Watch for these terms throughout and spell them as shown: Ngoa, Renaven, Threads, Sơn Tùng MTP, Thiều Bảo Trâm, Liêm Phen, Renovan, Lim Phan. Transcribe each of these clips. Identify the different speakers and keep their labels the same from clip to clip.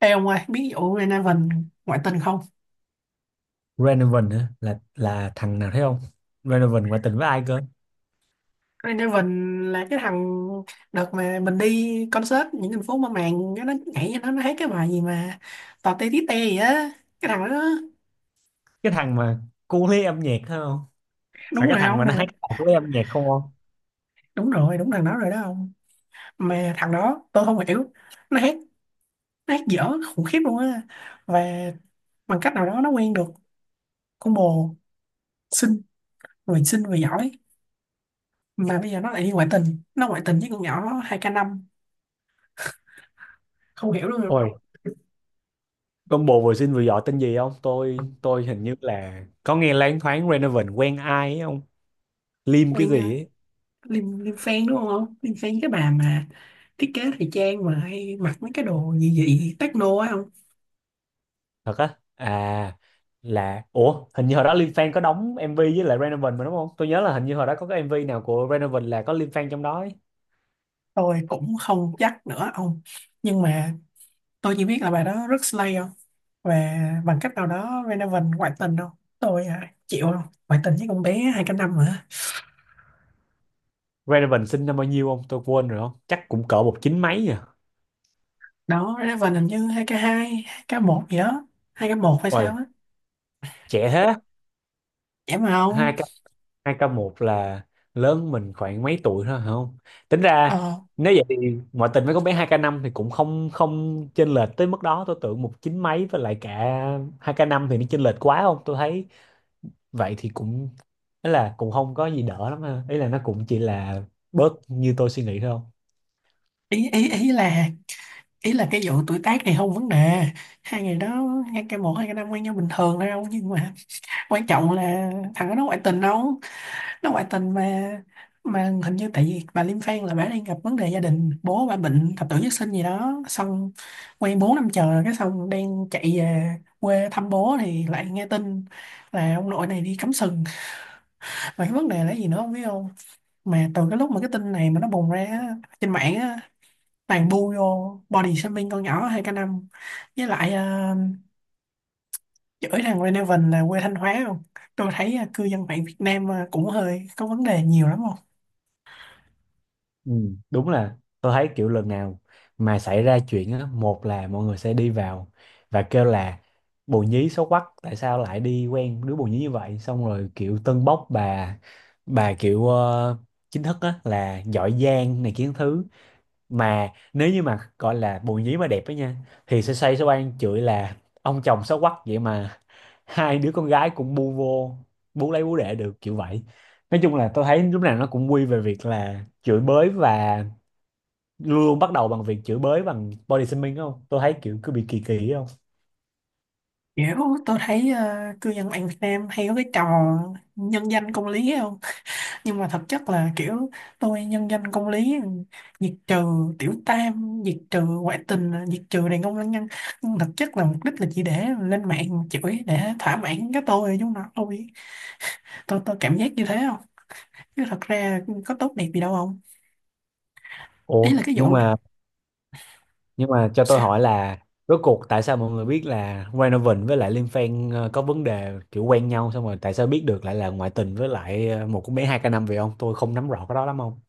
Speaker 1: Ê ông ơi, biết vụ Renaven ngoại tình không?
Speaker 2: Renovan hả? Là thằng nào thấy không? Renovan ngoại tình với ai cơ?
Speaker 1: Renaven là cái thằng đợt mà mình đi concert những thành phố mà màng nó nhảy cho nó hát cái bài gì mà tò te tí te gì á, cái thằng đó.
Speaker 2: Cái thằng mà cu lấy âm nhạc thấy không? Phải
Speaker 1: Đúng
Speaker 2: cái
Speaker 1: rồi
Speaker 2: thằng
Speaker 1: ông,
Speaker 2: mà nó
Speaker 1: thằng đó.
Speaker 2: hát cùng với âm nhạc không không
Speaker 1: Đúng rồi, đúng thằng đó rồi, đó ông. Mà thằng đó tôi không hiểu, nó hát nó hát dở khủng khiếp luôn á. Và bằng cách nào đó nó quen được con bồ xinh, người xinh người giỏi, mà bây giờ nó lại đi ngoại tình với con nhỏ hai k năm, không hiểu luôn.
Speaker 2: Ôi, combo vừa xinh vừa giỏi tên gì không? Tôi hình như là có nghe loáng thoáng Renovan quen ai ấy không? Lim cái
Speaker 1: Quen
Speaker 2: gì ấy.
Speaker 1: Liêm Liêm Phen đúng không? Liêm Phen cái bà mà thiết kế thời trang mà hay mặc mấy cái đồ gì dị techno á không?
Speaker 2: Thật á? À, là ủa hình như hồi đó Lim Phan có đóng MV với lại Renovan mà đúng không? Tôi nhớ là hình như hồi đó có cái MV nào của Renovan là có Lim Phan trong đó ấy.
Speaker 1: Tôi cũng không chắc nữa ông. Nhưng mà tôi chỉ biết là bà đó rất slay không? Và bằng cách nào đó Renovan ngoại tình đâu. Tôi chịu không? Ngoại tình với con bé hai k năm hả?
Speaker 2: Renovan sinh năm bao nhiêu không tôi quên rồi, không chắc cũng cỡ một chín mấy à.
Speaker 1: Đó, Renovan hình như hai k hai 2K1 gì đó. Hai k một hay
Speaker 2: Ôi,
Speaker 1: sao á?
Speaker 2: trẻ thế.
Speaker 1: Vậy mà không?
Speaker 2: Hai hai k một là lớn mình khoảng mấy tuổi thôi hả không? Tính ra
Speaker 1: Ờ,
Speaker 2: nếu vậy thì ngoại tình với con bé hai k năm thì cũng không không chênh lệch tới mức đó. Tôi tưởng một chín mấy với lại cả hai k năm thì nó chênh lệch quá không? Tôi thấy vậy thì cũng ấy là cũng không có gì đỡ lắm ha. Ý là nó cũng chỉ là bớt như tôi suy nghĩ thôi.
Speaker 1: ý, ý, ý là ý là cái vụ tuổi tác này không vấn đề. Hai ngày đó hai k một hai k năm quen nhau bình thường thôi không. Nhưng mà quan trọng là thằng đó nó ngoại tình đâu, nó ngoại tình mà. Mà hình như tại vì bà Liêm Phan là bà đang gặp vấn đề gia đình, bố bà bệnh thập tử nhất sinh gì đó, xong quen 4 năm trời, cái xong đang chạy về quê thăm bố thì lại nghe tin là ông nội này đi cắm sừng. Mà cái vấn đề là gì nữa không biết không. Mà từ cái lúc mà cái tin này mà nó bùng ra á, trên mạng á, toàn bu vô body shaming con nhỏ hai k năm. Với lại chửi thằng Renevan là quê Thanh Hóa không? Tôi thấy à, cư dân mạng Việt Nam à, cũng hơi có vấn đề nhiều lắm không?
Speaker 2: Ừ, đúng là tôi thấy kiểu lần nào mà xảy ra chuyện á, một là mọi người sẽ đi vào và kêu là bồ nhí xấu quắc, tại sao lại đi quen đứa bồ nhí như vậy, xong rồi kiểu tâng bốc Bà kiểu chính thức á là giỏi giang này, kiến thứ. Mà nếu như mà gọi là bồ nhí mà đẹp ấy nha thì sẽ say, sẽ oan chửi là ông chồng xấu quắc vậy mà hai đứa con gái cũng bu vô, bu lấy bú đẻ được kiểu vậy. Nói chung là tôi thấy lúc nào nó cũng quy về việc là chửi bới, và luôn bắt đầu bằng việc chửi bới bằng body shaming không? Tôi thấy kiểu cứ bị kỳ kỳ ấy không?
Speaker 1: Kiểu tôi thấy à, cư dân mạng Việt Nam hay có cái trò nhân danh công lý không? Nhưng mà thực chất là kiểu tôi nhân danh công lý, diệt trừ tiểu tam, diệt trừ ngoại tình, diệt trừ đàn ông lăng nhăng. Nhưng thực chất là mục đích là chỉ để lên mạng chửi để thỏa mãn cái tôi chúng nó thôi. Tôi cảm giác như thế không? Chứ thật ra có tốt đẹp gì đâu không? Ý
Speaker 2: Ủa
Speaker 1: là cái vụ
Speaker 2: nhưng
Speaker 1: này
Speaker 2: mà nhưng mà cho tôi hỏi
Speaker 1: sao?
Speaker 2: là rốt cuộc tại sao mọi người biết là Renovan với lại Liêm Phen có vấn đề kiểu quen nhau, xong rồi tại sao biết được lại là ngoại tình với lại một cô bé hai k năm vậy ông? Tôi không nắm rõ cái đó lắm không?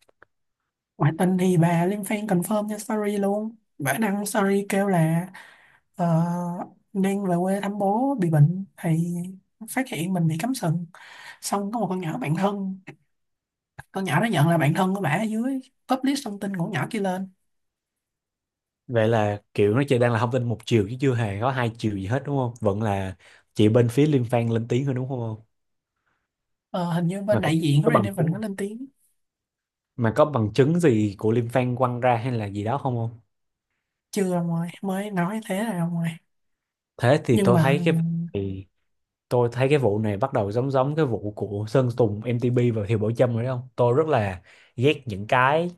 Speaker 1: Ngoại tình thì bà lên fan confirm trên story luôn. Bà đăng story kêu là ờ, đang về quê thăm bố bị bệnh, thì phát hiện mình bị cắm sừng. Xong có một con nhỏ bạn thân, con nhỏ đó nhận là bạn thân của bả, ở dưới publish thông tin của con nhỏ kia lên.
Speaker 2: Vậy là kiểu nó chỉ đang là thông tin một chiều chứ chưa hề có hai chiều gì hết đúng không? Vẫn là chị bên phía Liêm Phan lên tiếng hơn đúng không ông?
Speaker 1: Ờ, hình như bên
Speaker 2: Mà cũng
Speaker 1: đại diện của
Speaker 2: có bằng
Speaker 1: Renevan
Speaker 2: chứng
Speaker 1: có
Speaker 2: mà.
Speaker 1: lên tiếng.
Speaker 2: Mà có bằng chứng gì của Liêm Phan quăng ra hay là gì đó không không?
Speaker 1: Chưa ông ơi, mới nói thế là ông ơi.
Speaker 2: Thế thì
Speaker 1: Nhưng
Speaker 2: tôi
Speaker 1: mà
Speaker 2: thấy cái, tôi thấy cái vụ này bắt đầu giống giống cái vụ của Sơn Tùng MTP và Thiều Bảo Trâm rồi đấy không? Tôi rất là ghét những cái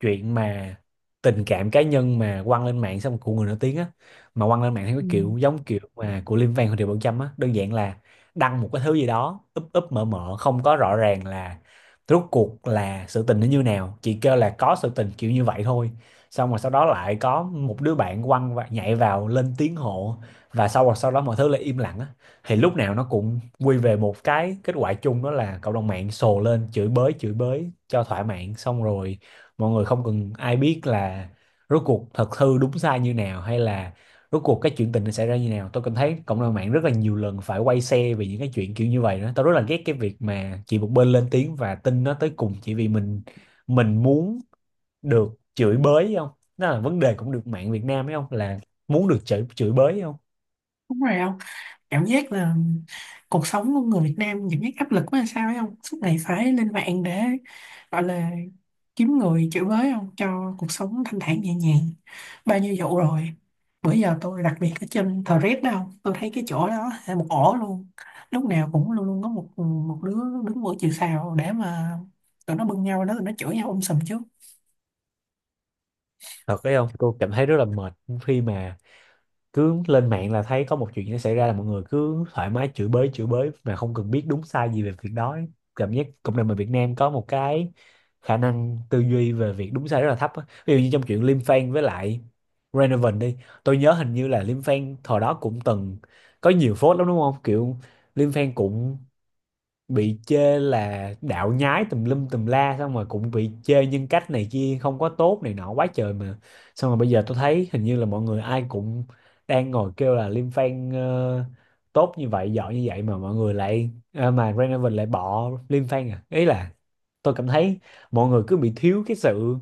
Speaker 2: chuyện mà tình cảm cá nhân mà quăng lên mạng xong của người nổi tiếng á, mà quăng lên mạng theo
Speaker 1: ừ,
Speaker 2: cái kiểu giống kiểu mà của Liêm Phan Hồ Triệu Bảo Trâm á. Đơn giản là đăng một cái thứ gì đó úp úp mở mở không có rõ ràng là rốt cuộc là sự tình nó như nào, chỉ kêu là có sự tình kiểu như vậy thôi, xong rồi sau đó lại có một đứa bạn quăng và nhảy vào lên tiếng hộ, và sau đó mọi thứ lại im lặng á. Thì lúc nào nó cũng quy về một cái kết quả chung, đó là cộng đồng mạng sồ lên chửi bới, chửi bới cho thỏa mãn, xong rồi mọi người không cần ai biết là rốt cuộc thật hư đúng sai như nào, hay là rốt cuộc cái chuyện tình nó xảy ra như nào. Tôi cảm thấy cộng đồng mạng rất là nhiều lần phải quay xe vì những cái chuyện kiểu như vậy đó. Tôi rất là ghét cái việc mà chỉ một bên lên tiếng và tin nó tới cùng chỉ vì mình, muốn được chửi bới hay không, đó là vấn đề cũng được mạng Việt Nam ấy không, là muốn được chửi, chửi bới hay không.
Speaker 1: đúng rồi. Cảm giác là cuộc sống của người Việt Nam cảm giác áp lực quá hay sao ấy không, suốt ngày phải lên mạng để gọi là kiếm người chửi bới không, cho cuộc sống thanh thản nhẹ nhàng. Bao nhiêu vụ rồi, bữa giờ tôi đặc biệt ở trên Threads đó không, tôi thấy cái chỗ đó là một ổ luôn. Lúc nào cũng luôn luôn có một một đứa đứng mũi chịu sào để mà tụi nó bưng nhau đó, tụi nó chửi nhau sùm trước.
Speaker 2: Thật đấy không, tôi cảm thấy rất là mệt khi mà cứ lên mạng là thấy có một chuyện nó xảy ra là mọi người cứ thoải mái chửi bới, chửi bới mà không cần biết đúng sai gì về việc đó ấy. Cảm giác cộng đồng người Việt Nam có một cái khả năng tư duy về việc đúng sai rất là thấp á. Ví dụ như trong chuyện Lim Fan với lại Renovan đi, tôi nhớ hình như là Lim Fan thời đó cũng từng có nhiều phốt lắm đúng không? Kiểu Lim Fan cũng bị chê là đạo nhái tùm lum tùm la, xong rồi cũng bị chê nhân cách này kia không có tốt này nọ quá trời mà. Xong rồi bây giờ tôi thấy hình như là mọi người ai cũng đang ngồi kêu là Lim Fan tốt như vậy, giỏi như vậy mà mọi người lại mà Renovation lại bỏ Lim Fan à. Ý là tôi cảm thấy mọi người cứ bị thiếu cái sự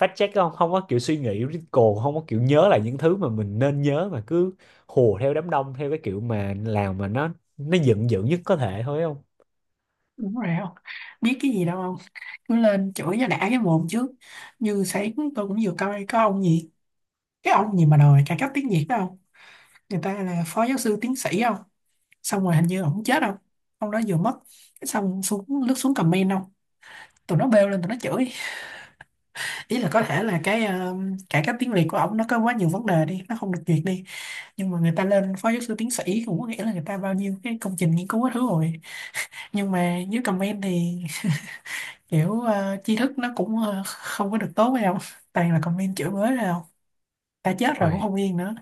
Speaker 2: fact check không, không có kiểu suy nghĩ critical, không có kiểu nhớ lại những thứ mà mình nên nhớ, mà cứ hùa theo đám đông theo cái kiểu mà làm mà nó dựng dựng nhất có thể thôi không?
Speaker 1: Đúng rồi không biết cái gì đâu không, cứ lên chửi cho đã cái mồm trước. Như sáng tôi cũng vừa coi có ông gì, cái ông gì mà đòi cải cách tiếng Việt đó không, người ta là phó giáo sư tiến sĩ không. Xong rồi hình như ổng chết không, ông đó vừa mất. Cái xong xuống lướt xuống comment không, tụi nó bêu lên tụi nó chửi. Ý là có thể là cái cải cách tiếng Việt của ổng nó có quá nhiều vấn đề đi, nó không được duyệt đi. Nhưng mà người ta lên phó giáo sư tiến sĩ cũng có nghĩa là người ta bao nhiêu cái công trình nghiên cứu hết thứ rồi. Nhưng mà dưới comment thì kiểu tri thức nó cũng không có được tốt hay không, toàn là comment chửi bới rồi không, ta chết rồi cũng
Speaker 2: Ôi,
Speaker 1: không yên nữa.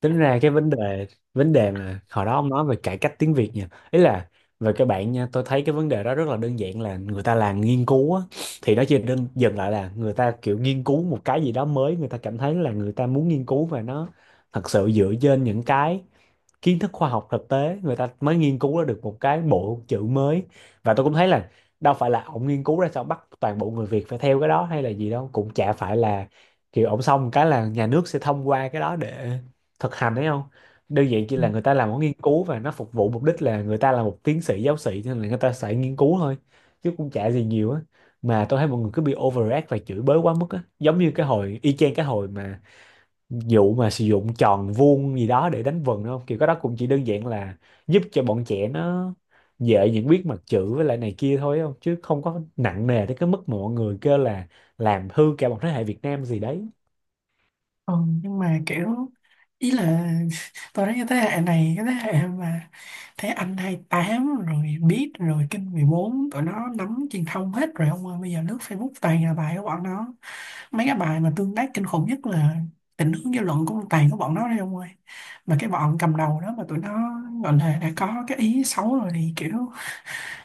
Speaker 2: tính ra cái vấn đề mà hồi đó ông nói về cải cách tiếng Việt nha, ý là về các bạn nha, tôi thấy cái vấn đề đó rất là đơn giản là người ta làm nghiên cứu á, thì nó chỉ đơn dừng lại là người ta kiểu nghiên cứu một cái gì đó mới, người ta cảm thấy là người ta muốn nghiên cứu, và nó thật sự dựa trên những cái kiến thức khoa học thực tế người ta mới nghiên cứu ra được một cái bộ chữ mới. Và tôi cũng thấy là đâu phải là ông nghiên cứu ra sao bắt toàn bộ người Việt phải theo cái đó hay là gì đâu, cũng chả phải là kiểu ông xong cái là nhà nước sẽ thông qua cái đó để thực hành đấy không? Đơn giản chỉ là người ta làm một nghiên cứu và nó phục vụ mục đích là người ta là một tiến sĩ giáo sĩ, cho nên là người ta sẽ nghiên cứu thôi, chứ cũng chả gì nhiều á. Mà tôi thấy mọi người cứ bị overreact và chửi bới quá mức á, giống như cái hồi y chang cái hồi mà vụ mà sử dụng tròn vuông gì đó để đánh vần đúng không? Kiểu cái đó cũng chỉ đơn giản là giúp cho bọn trẻ nó dễ nhận biết mặt chữ với lại này kia thôi không, chứ không có nặng nề tới cái mức mà mọi người kêu là làm hư cả một thế hệ Việt Nam gì đấy.
Speaker 1: Ừ, nhưng mà kiểu ý là tôi thấy cái thế hệ này, cái thế hệ mà thấy anh 28 rồi biết rồi kinh 14, tụi nó nắm truyền thông hết rồi ông ơi. Bây giờ lướt Facebook toàn là bài của bọn nó, mấy cái bài mà tương tác kinh khủng nhất là định hướng dư luận cũng toàn của bọn nó đấy ông ơi. Mà cái bọn cầm đầu đó mà tụi nó gọi là đã có cái ý xấu rồi thì kiểu,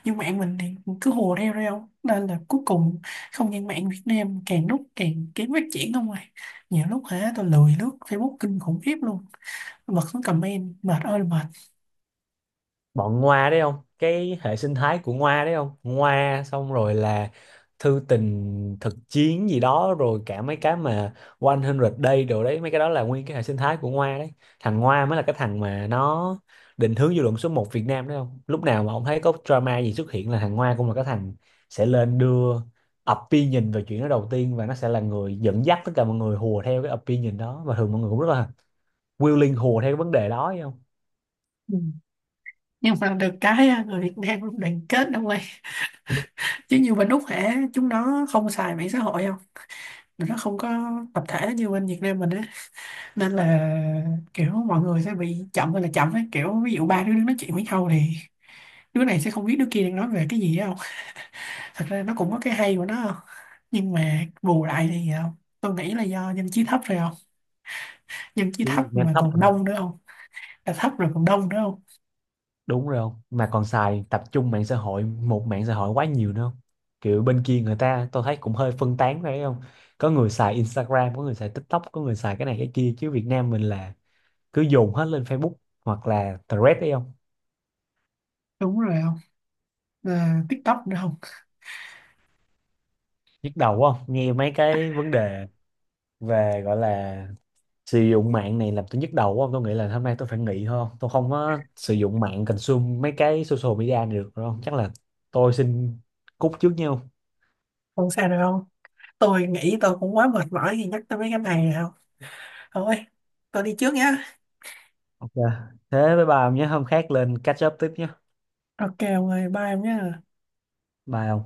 Speaker 1: nhưng mạng mình thì cứ hùa theo thôi không, nên là cuối cùng không gian mạng Việt Nam càng lúc càng kém phát triển không à. Nhiều lúc hả tôi lười lướt Facebook kinh khủng khiếp luôn, bật xuống comment mệt ơi là mệt.
Speaker 2: Bọn Ngoa đấy không, cái hệ sinh thái của Ngoa đấy không, Ngoa xong rồi là thư tình thực chiến gì đó, rồi cả mấy cái mà 100 Day đồ đấy, mấy cái đó là nguyên cái hệ sinh thái của Ngoa đấy. Thằng Ngoa mới là cái thằng mà nó định hướng dư luận số một Việt Nam đấy không? Lúc nào mà ông thấy có drama gì xuất hiện là thằng Ngoa cũng là cái thằng sẽ lên đưa opinion về chuyện đó đầu tiên, và nó sẽ là người dẫn dắt tất cả mọi người hùa theo cái opinion đó, và thường mọi người cũng rất là willing hùa theo cái vấn đề đó thấy không?
Speaker 1: Ừ. Nhưng mà được cái á, người Việt Nam luôn đoàn kết đâu ơi. Chứ như bên Úc hả chúng nó không xài mạng xã hội không, tụi nó không có tập thể như bên Việt Nam mình á, nên là kiểu mọi người sẽ bị chậm hay là chậm ấy, kiểu ví dụ ba đứa đang nói chuyện với nhau thì đứa này sẽ không biết đứa kia đang nói về cái gì á. Thật ra nó cũng có cái hay của nó không, nhưng mà bù lại thì không, tôi nghĩ là do dân trí thấp rồi không. Dân trí
Speaker 2: Đi
Speaker 1: thấp
Speaker 2: Việt Nam
Speaker 1: mà
Speaker 2: thấp.
Speaker 1: còn đông nữa không, là thấp rồi còn đông nữa không.
Speaker 2: Đúng rồi không, mà còn xài tập trung mạng xã hội, một mạng xã hội quá nhiều nữa không. Kiểu bên kia người ta tôi thấy cũng hơi phân tán phải không, có người xài Instagram, có người xài TikTok, có người xài cái này cái kia, chứ Việt Nam mình là cứ dồn hết lên Facebook hoặc là Threads đấy không.
Speaker 1: Đúng rồi không, à, TikTok nữa không.
Speaker 2: Nhức đầu quá không, nghe mấy cái vấn đề về gọi là sử dụng mạng này làm tôi nhức đầu quá không? Tôi nghĩ là hôm nay tôi phải nghỉ thôi không? Tôi không có sử dụng mạng, consume mấy cái social media này được rồi không? Chắc là tôi xin cúp trước nha.
Speaker 1: Không sao được không, tôi nghĩ tôi cũng quá mệt mỏi khi nhắc tới mấy cái này rồi. Không thôi, tôi đi trước nhá.
Speaker 2: Ok. Thế với bà nhé, hôm khác lên catch up tiếp nhé.
Speaker 1: Ok ông ơi, bye em nhé.
Speaker 2: Bye ông.